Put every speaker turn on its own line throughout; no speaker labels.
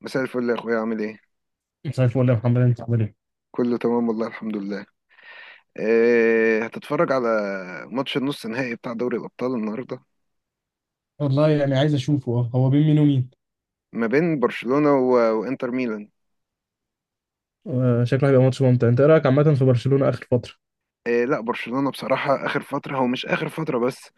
مساء الفل يا اخويا، عامل ايه؟
مساء الفل يا محمد انت عامل ايه؟
كله تمام والله الحمد لله. إيه، هتتفرج على ماتش النص النهائي بتاع دوري الابطال النهارده؟
والله يعني عايز اشوفه هو بين مين ومين؟
ما بين برشلونة وانتر ميلان.
شكله هيبقى ماتش ممتع. انت ايه رايك عامه في برشلونه اخر فتره؟
إيه، لا، برشلونة بصراحة اخر فترة، هو مش اخر فترة بس،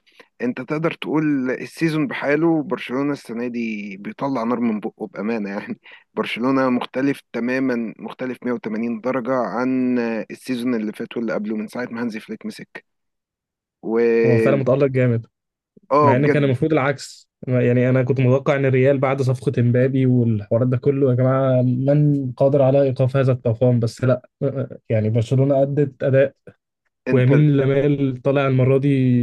انت تقدر تقول السيزون بحاله. برشلونة السنة دي بيطلع نار من بقه، بأمانة يعني. برشلونة مختلف تماما، مختلف 180 درجة عن السيزون اللي فات واللي قبله، من ساعة ما هانزي فليك مسك و
هو فعلا متالق جامد.
اه،
مع ان كان
بجد.
المفروض العكس، يعني انا كنت متوقع ان الريال بعد صفقه امبابي والحوارات ده كله يا جماعه، من قادر على ايقاف هذا الطوفان؟ بس لا. يعني برشلونه ادت اداء
انت،
ويمين لمال طالع المره دي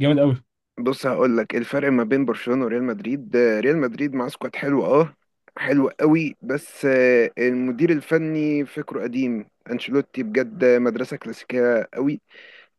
جامد قوي.
بص هقول لك الفرق ما بين برشلونة وريال مدريد. ريال مدريد مع سكواد حلو، اه، حلو قوي، بس المدير الفني فكره قديم. انشيلوتي بجد مدرسة كلاسيكية قوي.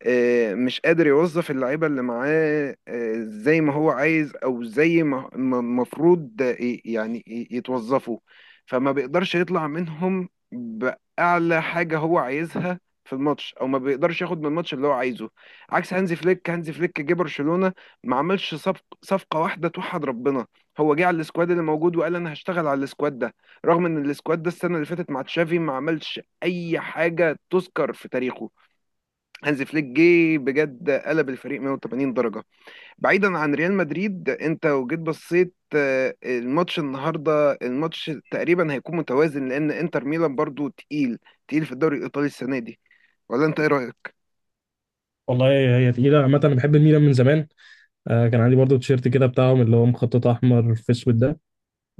مش قادر يوظف اللعيبة اللي معاه زي ما هو عايز، أو زي ما المفروض يعني يتوظفوا. فما بيقدرش يطلع منهم بأعلى حاجة هو عايزها في الماتش، أو ما بيقدرش ياخد من الماتش اللي هو عايزه، عكس هانزي فليك. هانزي فليك جه برشلونة، ما عملش صفقة واحدة توحد ربنا. هو جه على السكواد اللي موجود، وقال أنا هشتغل على السكواد ده، رغم إن السكواد ده السنة اللي فاتت مع تشافي ما عملش أي حاجة تذكر في تاريخه. هانز فليك جه بجد قلب الفريق 180 درجة. بعيدا عن ريال مدريد، انت لو جيت بصيت الماتش النهاردة، الماتش تقريبا هيكون متوازن، لان انتر ميلان برضو تقيل، تقيل في الدوري الايطالي السنة دي. ولا انت ايه رأيك؟
والله هي تقيلة عامة. أنا بحب الميلان من زمان. كان عندي برضو تيشيرت كده بتاعهم، اللي هو مخطط أحمر في أسود ده.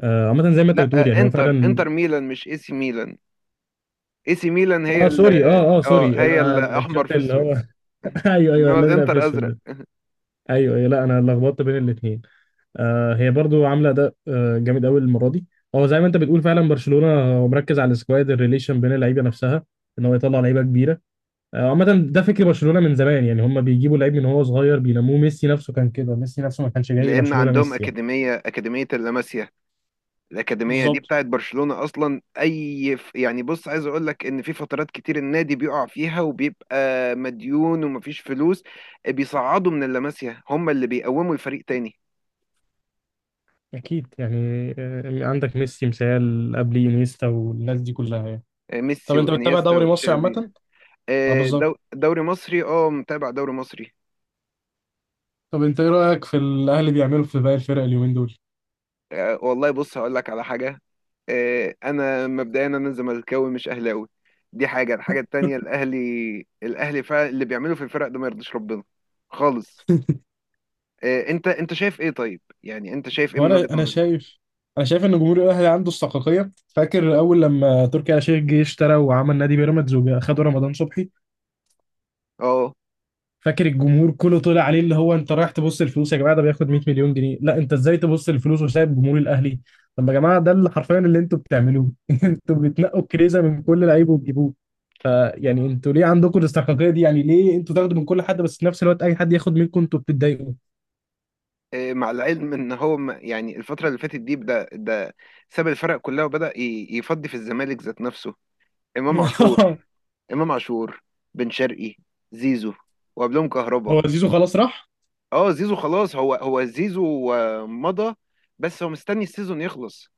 عامة زي ما أنت بتقول يعني
لا،
هو فعلا.
انتر ميلان مش اي سي ميلان. اي سي ميلان هي
اه سوري اه اه
اه،
سوري
هي
آه ال-
الاحمر
الشرط
في
اللي هو
اسود.
ايوه ايوه،
انما
الازرق في
الانتر
اسود
ازرق.
ده. ايوه ايوه، لا انا لخبطت بين الاثنين. هي برضو عامله ده جامد قوي المره دي. هو زي ما انت بتقول فعلا برشلونه، هو مركز على السكواد، الريليشن بين اللعيبه نفسها، ان هو يطلع لعيبه كبيره. عامه ده فكر برشلونه من زمان. يعني هم بيجيبوا لعيب من هو صغير بينموه. ميسي نفسه كان كده، ميسي نفسه ما كانش جاي
لان
برشلونه
عندهم
ميسي يعني.
اكاديمية، اللاماسيا. الأكاديمية دي
بالظبط.
بتاعت برشلونة أصلا. يعني بص، عايز أقول لك إن في فترات كتير النادي بيقع فيها وبيبقى مديون ومفيش فلوس، بيصعدوا من اللاماسيا، هم اللي بيقوموا الفريق تاني.
اكيد يعني. عندك ميسي مثال، قبل انيستا والناس دي كلها يعني. طب
ميسي
انت بتتابع
وإنيستا
دوري مصري
وتشافي.
عامه؟ اه بالظبط.
دوري مصري، أه متابع دوري مصري.
طب انت ايه رأيك في الاهلي بيعملوا في باقي الفرق اليومين دول؟
والله بص هقول لك على حاجة. أنا مبدئيا زملكاوي مش أهلاوي. دي حاجة. الحاجة التانية، الأهلي، الأهلي فعلا اللي بيعمله في الفرق ده ما يرضيش ربنا خالص. انت شايف ايه؟ طيب يعني انت شايف ايه
هو
من وجهة
انا
نظرك؟
شايف انا شايف ان جمهور الاهلي عنده استحقاقيه. فاكر اول لما تركي آل الشيخ جه اشترى وعمل نادي بيراميدز وخدوا رمضان صبحي،
اه.
فاكر الجمهور كله طلع عليه؟ اللي هو انت رايح تبص الفلوس يا جماعه، ده بياخد 100 مليون جنيه، لا انت ازاي تبص الفلوس وسايب جمهور الاهلي؟ طب يا جماعه ده اللي حرفيا اللي انتوا بتعملوه. انتوا بتنقوا كريزه من كل لعيب وتجيبوه، فيعني انتوا ليه عندكم الاستحقاقيه دي؟ يعني ليه انتوا تاخدوا من كل حد، بس في نفس الوقت اي حد ياخد منكم انتوا بتتضايقوا؟
مع العلم ان هو يعني الفترة اللي فاتت دي بدأ ده. ساب الفرق كلها وبدأ يفضي في الزمالك ذات نفسه. امام عاشور. امام عاشور. بن شرقي. زيزو. وقبلهم كهربا.
هو زيزو خلاص راح.
اه، زيزو خلاص. هو زيزو مضى. بس هو مستني السيزون يخلص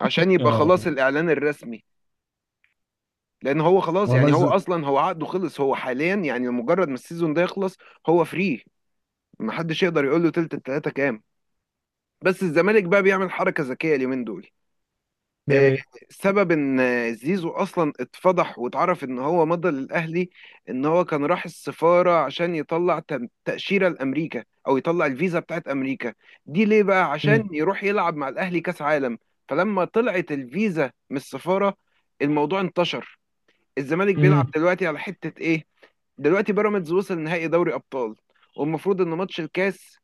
عشان
يا
يبقى
نهار
خلاص
أبيض.
الاعلان الرسمي. لان هو خلاص
والله
يعني، هو
ازاي.
اصلا هو عقده خلص، هو حاليا يعني مجرد ما السيزون ده يخلص هو فري. محدش يقدر يقول له تلت التلاته كام. بس الزمالك بقى بيعمل حركه ذكيه اليومين دول.
بيعمل
آه،
ايه؟
سبب ان زيزو اصلا اتفضح واتعرف ان هو مضى للاهلي، ان هو كان راح السفاره عشان يطلع تاشيره لامريكا، او يطلع الفيزا بتاعت امريكا دي، ليه بقى؟
امم.
عشان يروح يلعب مع الاهلي كاس عالم. فلما طلعت الفيزا من السفاره، الموضوع انتشر. الزمالك بيلعب
امم.
دلوقتي على حته ايه؟ دلوقتي بيراميدز وصل نهائي دوري ابطال، والمفروض ان ماتش الكاس،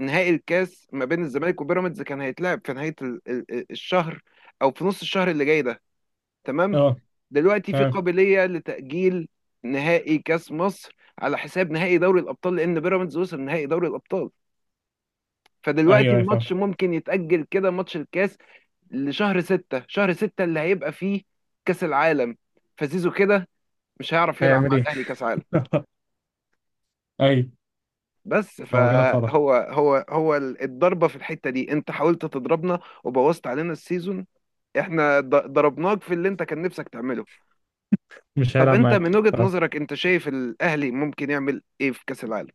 نهائي الكاس ما بين الزمالك وبيراميدز، كان هيتلعب في نهاية الشهر، أو في نص الشهر اللي جاي ده، تمام.
اه.
دلوقتي في
تمام.
قابلية لتأجيل نهائي كاس مصر على حساب نهائي دوري الأبطال، لأن بيراميدز وصل نهائي دوري الأبطال. فدلوقتي
ايوه ايوه
الماتش
فاهم.
ممكن يتأجل كده، ماتش الكاس، لشهر ستة. شهر ستة اللي هيبقى فيه كاس العالم. فزيزو كده مش هيعرف يلعب
هيعمل
مع
ايه.
الأهلي كاس عالم.
ايوه.
بس،
هو كده اتفضح.
فهو هو هو الضربة في الحتة دي، انت حاولت تضربنا وبوظت علينا السيزون، احنا ضربناك في اللي انت كان نفسك تعمله.
مش
طب
هيلعب
انت
معاك
من وجهة
آه.
نظرك انت شايف الاهلي ممكن يعمل ايه في كاس العالم؟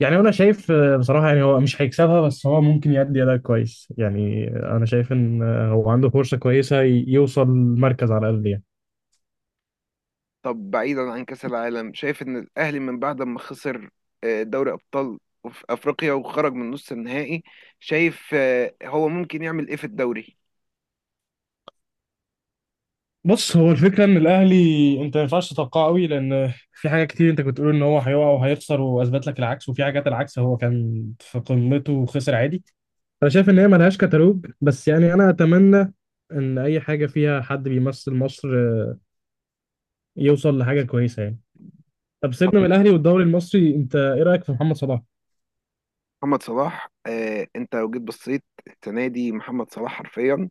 يعني انا شايف بصراحه يعني هو مش هيكسبها، بس هو ممكن يأدي اداء كويس. يعني انا شايف ان هو عنده فرصه كويسه يوصل المركز على الاقل يعني.
طب بعيدا عن كاس العالم، شايف ان الاهلي من بعد ما خسر دوري ابطال في افريقيا وخرج من نص النهائي، شايف هو ممكن يعمل ايه في الدوري؟
بص، هو الفكره ان الاهلي انت ما ينفعش تتوقعه قوي. لان في حاجات كتير انت كنت بتقول ان هو هيقع وهيخسر واثبت لك العكس، وفي حاجات العكس هو كان في قمته وخسر عادي. انا شايف ان هي ملهاش كتالوج، بس يعني انا اتمنى ان اي حاجه فيها حد بيمثل مصر يوصل لحاجه كويسه يعني. طب سيبنا من الاهلي والدوري المصري. انت ايه رايك في محمد صلاح؟
محمد صلاح، انت لو جيت بصيت السنه دي محمد صلاح حرفيا،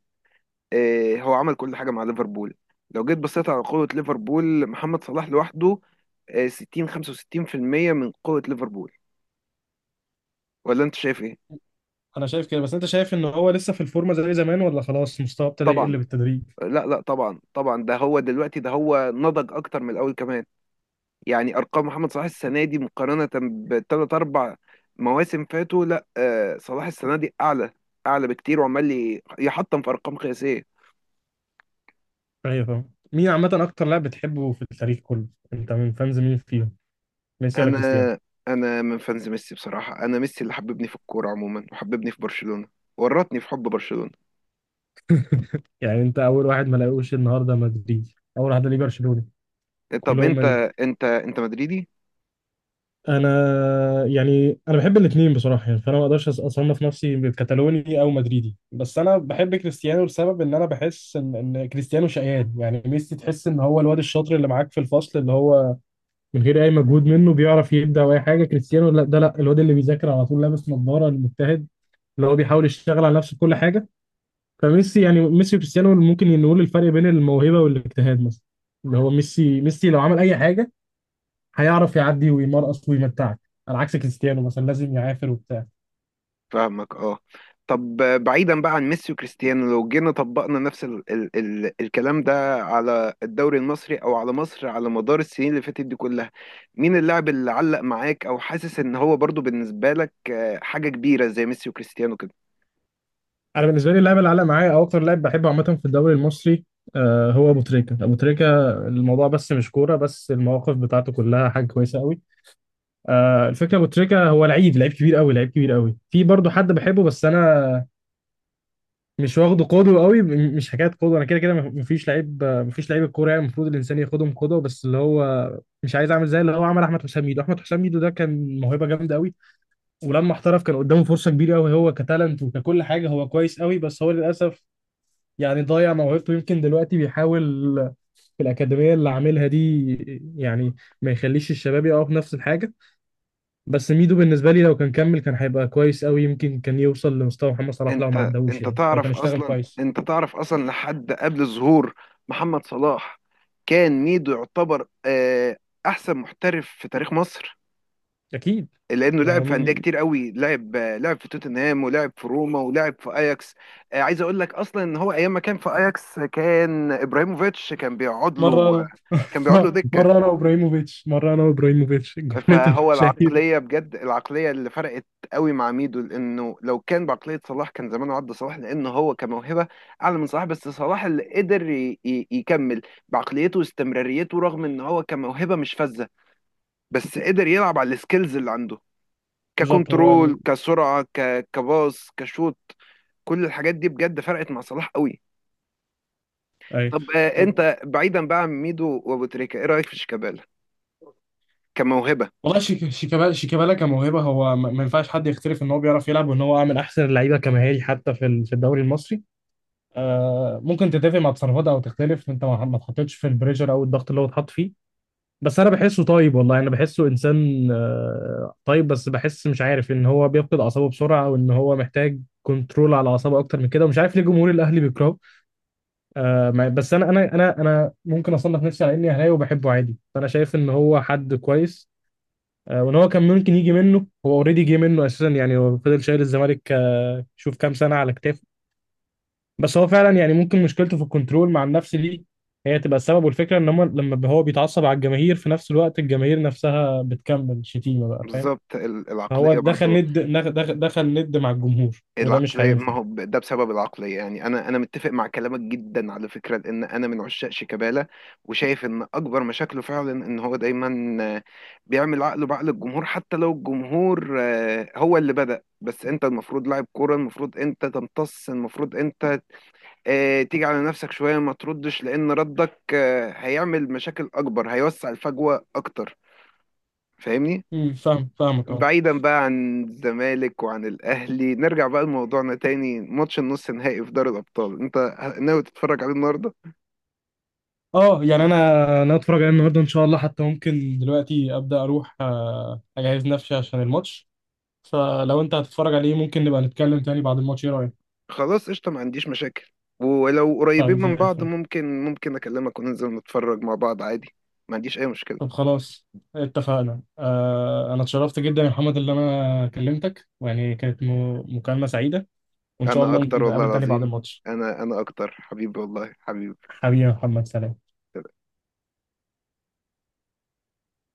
إيه، هو عمل كل حاجة مع ليفربول. لو جيت بصيت على قوة ليفربول، محمد صلاح لوحده 60 65% من قوة ليفربول. ولا انت شايف ايه؟
انا شايف كده، بس انت شايف ان هو لسه في الفورمه زي زمان، ولا خلاص مستواه ابتدى
طبعا.
يقل بالتدريج؟
لا، لا، طبعا طبعا. ده هو دلوقتي، ده هو نضج اكتر من الاول كمان. يعني ارقام محمد صلاح السنة دي مقارنة بثلاث اربع مواسم فاتوا، لا، صلاح السنة دي اعلى، اعلى بكتير، وعمال يحطم في ارقام قياسية.
ايوه فاهم. مين عامه اكتر لاعب بتحبه في التاريخ كله؟ انت من فانز مين فيهم، ميسي ولا
انا
كريستيانو؟
انا من فانز ميسي بصراحه. انا ميسي اللي حببني في الكوره عموما، وحببني في برشلونه، ورطني في حب برشلونه.
يعني انت اول واحد ما لاقوش النهارده مدريدي اول واحد ليه برشلوني
طب
كلهم
انت
مدريد
انت انت مدريدي؟
انا يعني انا بحب الاثنين بصراحه، يعني فانا ما اقدرش اصنف نفسي كتالوني او مدريدي. بس انا بحب كريستيانو لسبب ان انا بحس ان كريستيانو شقيان. يعني ميسي تحس ان هو الواد الشاطر اللي معاك في الفصل، اللي هو من غير اي مجهود منه بيعرف يبدع او اي حاجه. كريستيانو لا، ده لا الواد اللي بيذاكر على طول، لابس نظاره، المجتهد، اللي هو بيحاول يشتغل على نفسه في كل حاجه. فميسي يعني ميسي وكريستيانو ممكن نقول الفرق بين الموهبه والاجتهاد مثلا. اللي هو ميسي لو عمل اي حاجه هيعرف يعدي ويمرقص ويمتعك، على عكس كريستيانو مثلا لازم يعافر وبتاع.
فاهمك، اه. طب بعيدا بقى عن ميسي وكريستيانو، لو جينا طبقنا نفس ال ال ال الكلام ده على الدوري المصري او على مصر على مدار السنين اللي فاتت دي كلها، مين اللاعب اللي علق معاك او حاسس ان هو برضو بالنسبه لك حاجه كبيره زي ميسي وكريستيانو؟
انا بالنسبه لي اللاعب اللي علق معايا او اكتر لاعب بحبه عامه في الدوري المصري، هو ابو تريكه. ابو تريكه الموضوع بس مش كوره، بس المواقف بتاعته كلها حاجه كويسه قوي. الفكره ابو تريكه هو لعيب كبير قوي، لعيب كبير قوي. في برضه حد بحبه، بس انا مش واخده قدوه قوي. مش حكايه قدوه، انا كده كده مفيش لعيب، مفيش لعيب الكوره يعني المفروض الانسان ياخدهم قدوه، بس اللي هو مش عايز اعمل زي اللي هو عمل. احمد حسام ميدو، احمد حسام ميدو ده كان موهبه جامده قوي. ولما احترف كان قدامه فرصة كبيرة قوي، هو كتالنت وككل حاجة هو كويس قوي، بس هو للأسف يعني ضيع موهبته. يمكن دلوقتي بيحاول في الأكاديمية اللي عاملها دي، يعني، ما يخليش الشباب يقعوا في نفس الحاجة. بس ميدو بالنسبة لي لو كان كمل كان هيبقى كويس قوي. يمكن كان يوصل لمستوى محمد صلاح لو ما عداهوش، يعني لو كان اشتغل كويس.
انت تعرف اصلا، لحد قبل ظهور محمد صلاح، كان ميدو يعتبر احسن محترف في تاريخ مصر،
أكيد.
لانه
ما هو
لعب في
مي...
انديه
مي...
كتير قوي، لعب لعب في توتنهام، ولعب في روما، ولعب في اياكس. عايز اقول لك اصلا ان هو ايام ما كان في اياكس كان ابراهيموفيتش كان بيقعد له.
مرة
كان بيقعد له
أنا
دكه.
مرة أنا وإبراهيموفيتش جملته
فهو
المشاهير.
العقلية بجد، العقلية اللي فرقت قوي مع ميدو، لأنه لو كان بعقلية صلاح كان زمانه عدى صلاح، لأنه هو كموهبة أعلى من صلاح. بس صلاح اللي قدر يكمل بعقليته واستمراريته، رغم إن هو كموهبة مش فذة، بس قدر يلعب على السكيلز اللي عنده،
بالظبط
ككنترول، كسرعة، كباص، كشوت، كل الحاجات دي بجد فرقت مع صلاح قوي.
أيوه.
طب
طب
أنت بعيدا بقى عن ميدو وأبو تريكة، إيه رأيك في شيكابالا كموهبة؟
والله، شيكابالا كموهبه هو ما ينفعش حد يختلف ان هو بيعرف يلعب، وان هو من احسن اللعيبه كمهاري حتى في في الدوري المصري. ممكن تتفق مع تصرفات او تختلف، انت ما اتحطيتش في البريشر او الضغط اللي هو اتحط فيه. بس انا بحسه طيب والله. انا بحسه انسان طيب، بس بحس مش عارف ان هو بيفقد اعصابه بسرعه، وان هو محتاج كنترول على اعصابه اكتر من كده. ومش عارف ليه جمهور الاهلي بيكرهه. بس انا، انا ممكن اصنف نفسي على اني اهلاوي وبحبه عادي، فانا شايف ان هو حد كويس. وان هو كان ممكن يجي منه هو اوريدي جه منه اساسا. يعني هو فضل شايل الزمالك شوف كام سنه على كتافه. بس هو فعلا يعني ممكن مشكلته في الكنترول مع النفس دي، هي تبقى السبب. والفكره ان هم لما هو بيتعصب على الجماهير، في نفس الوقت الجماهير نفسها بتكمل شتيمه بقى فاهم.
بالظبط.
فهو
العقلية
دخل
برضو،
ند، دخل ند مع الجمهور وده مش
العقلية، ما
هينفع.
هو ده بسبب العقلية. يعني أنا متفق مع كلامك جدا على فكرة، لأن أنا من عشاق شيكابالا، وشايف إن أكبر مشاكله فعلا إن هو دايما بيعمل عقله بعقل الجمهور، حتى لو الجمهور هو اللي بدأ. بس أنت المفروض لاعب كورة، المفروض أنت تمتص، المفروض أنت تيجي على نفسك شوية، ما تردش، لأن ردك هيعمل مشاكل أكبر، هيوسع الفجوة أكتر. فاهمني؟
امم، فاهم، فاهمك اه.
بعيدا بقى عن الزمالك وعن الاهلي، نرجع بقى لموضوعنا تاني، ماتش النص النهائي في دوري الابطال. انت ناوي تتفرج عليه النهارده؟
اه يعني انا اتفرج عليه النهارده ان شاء الله. حتى ممكن دلوقتي ابدا اروح اجهز نفسي عشان الماتش. فلو انت هتتفرج عليه، ممكن نبقى نتكلم تاني بعد الماتش، ايه رأيك؟
خلاص قشطه، ما عنديش مشاكل، ولو
طيب
قريبين
زي
من بعض
الفل.
ممكن اكلمك وننزل نتفرج مع بعض عادي. ما عنديش اي مشكله.
طب خلاص اتفقنا. انا اتشرفت جدا يا محمد اللي انا كلمتك، ويعني كانت مكالمة سعيدة. وان شاء
انا
الله ممكن
اكتر، والله
نتقابل تاني بعد
العظيم،
الماتش.
انا اكتر حبيبي، والله حبيبي.
حبيبي يا محمد، سلام.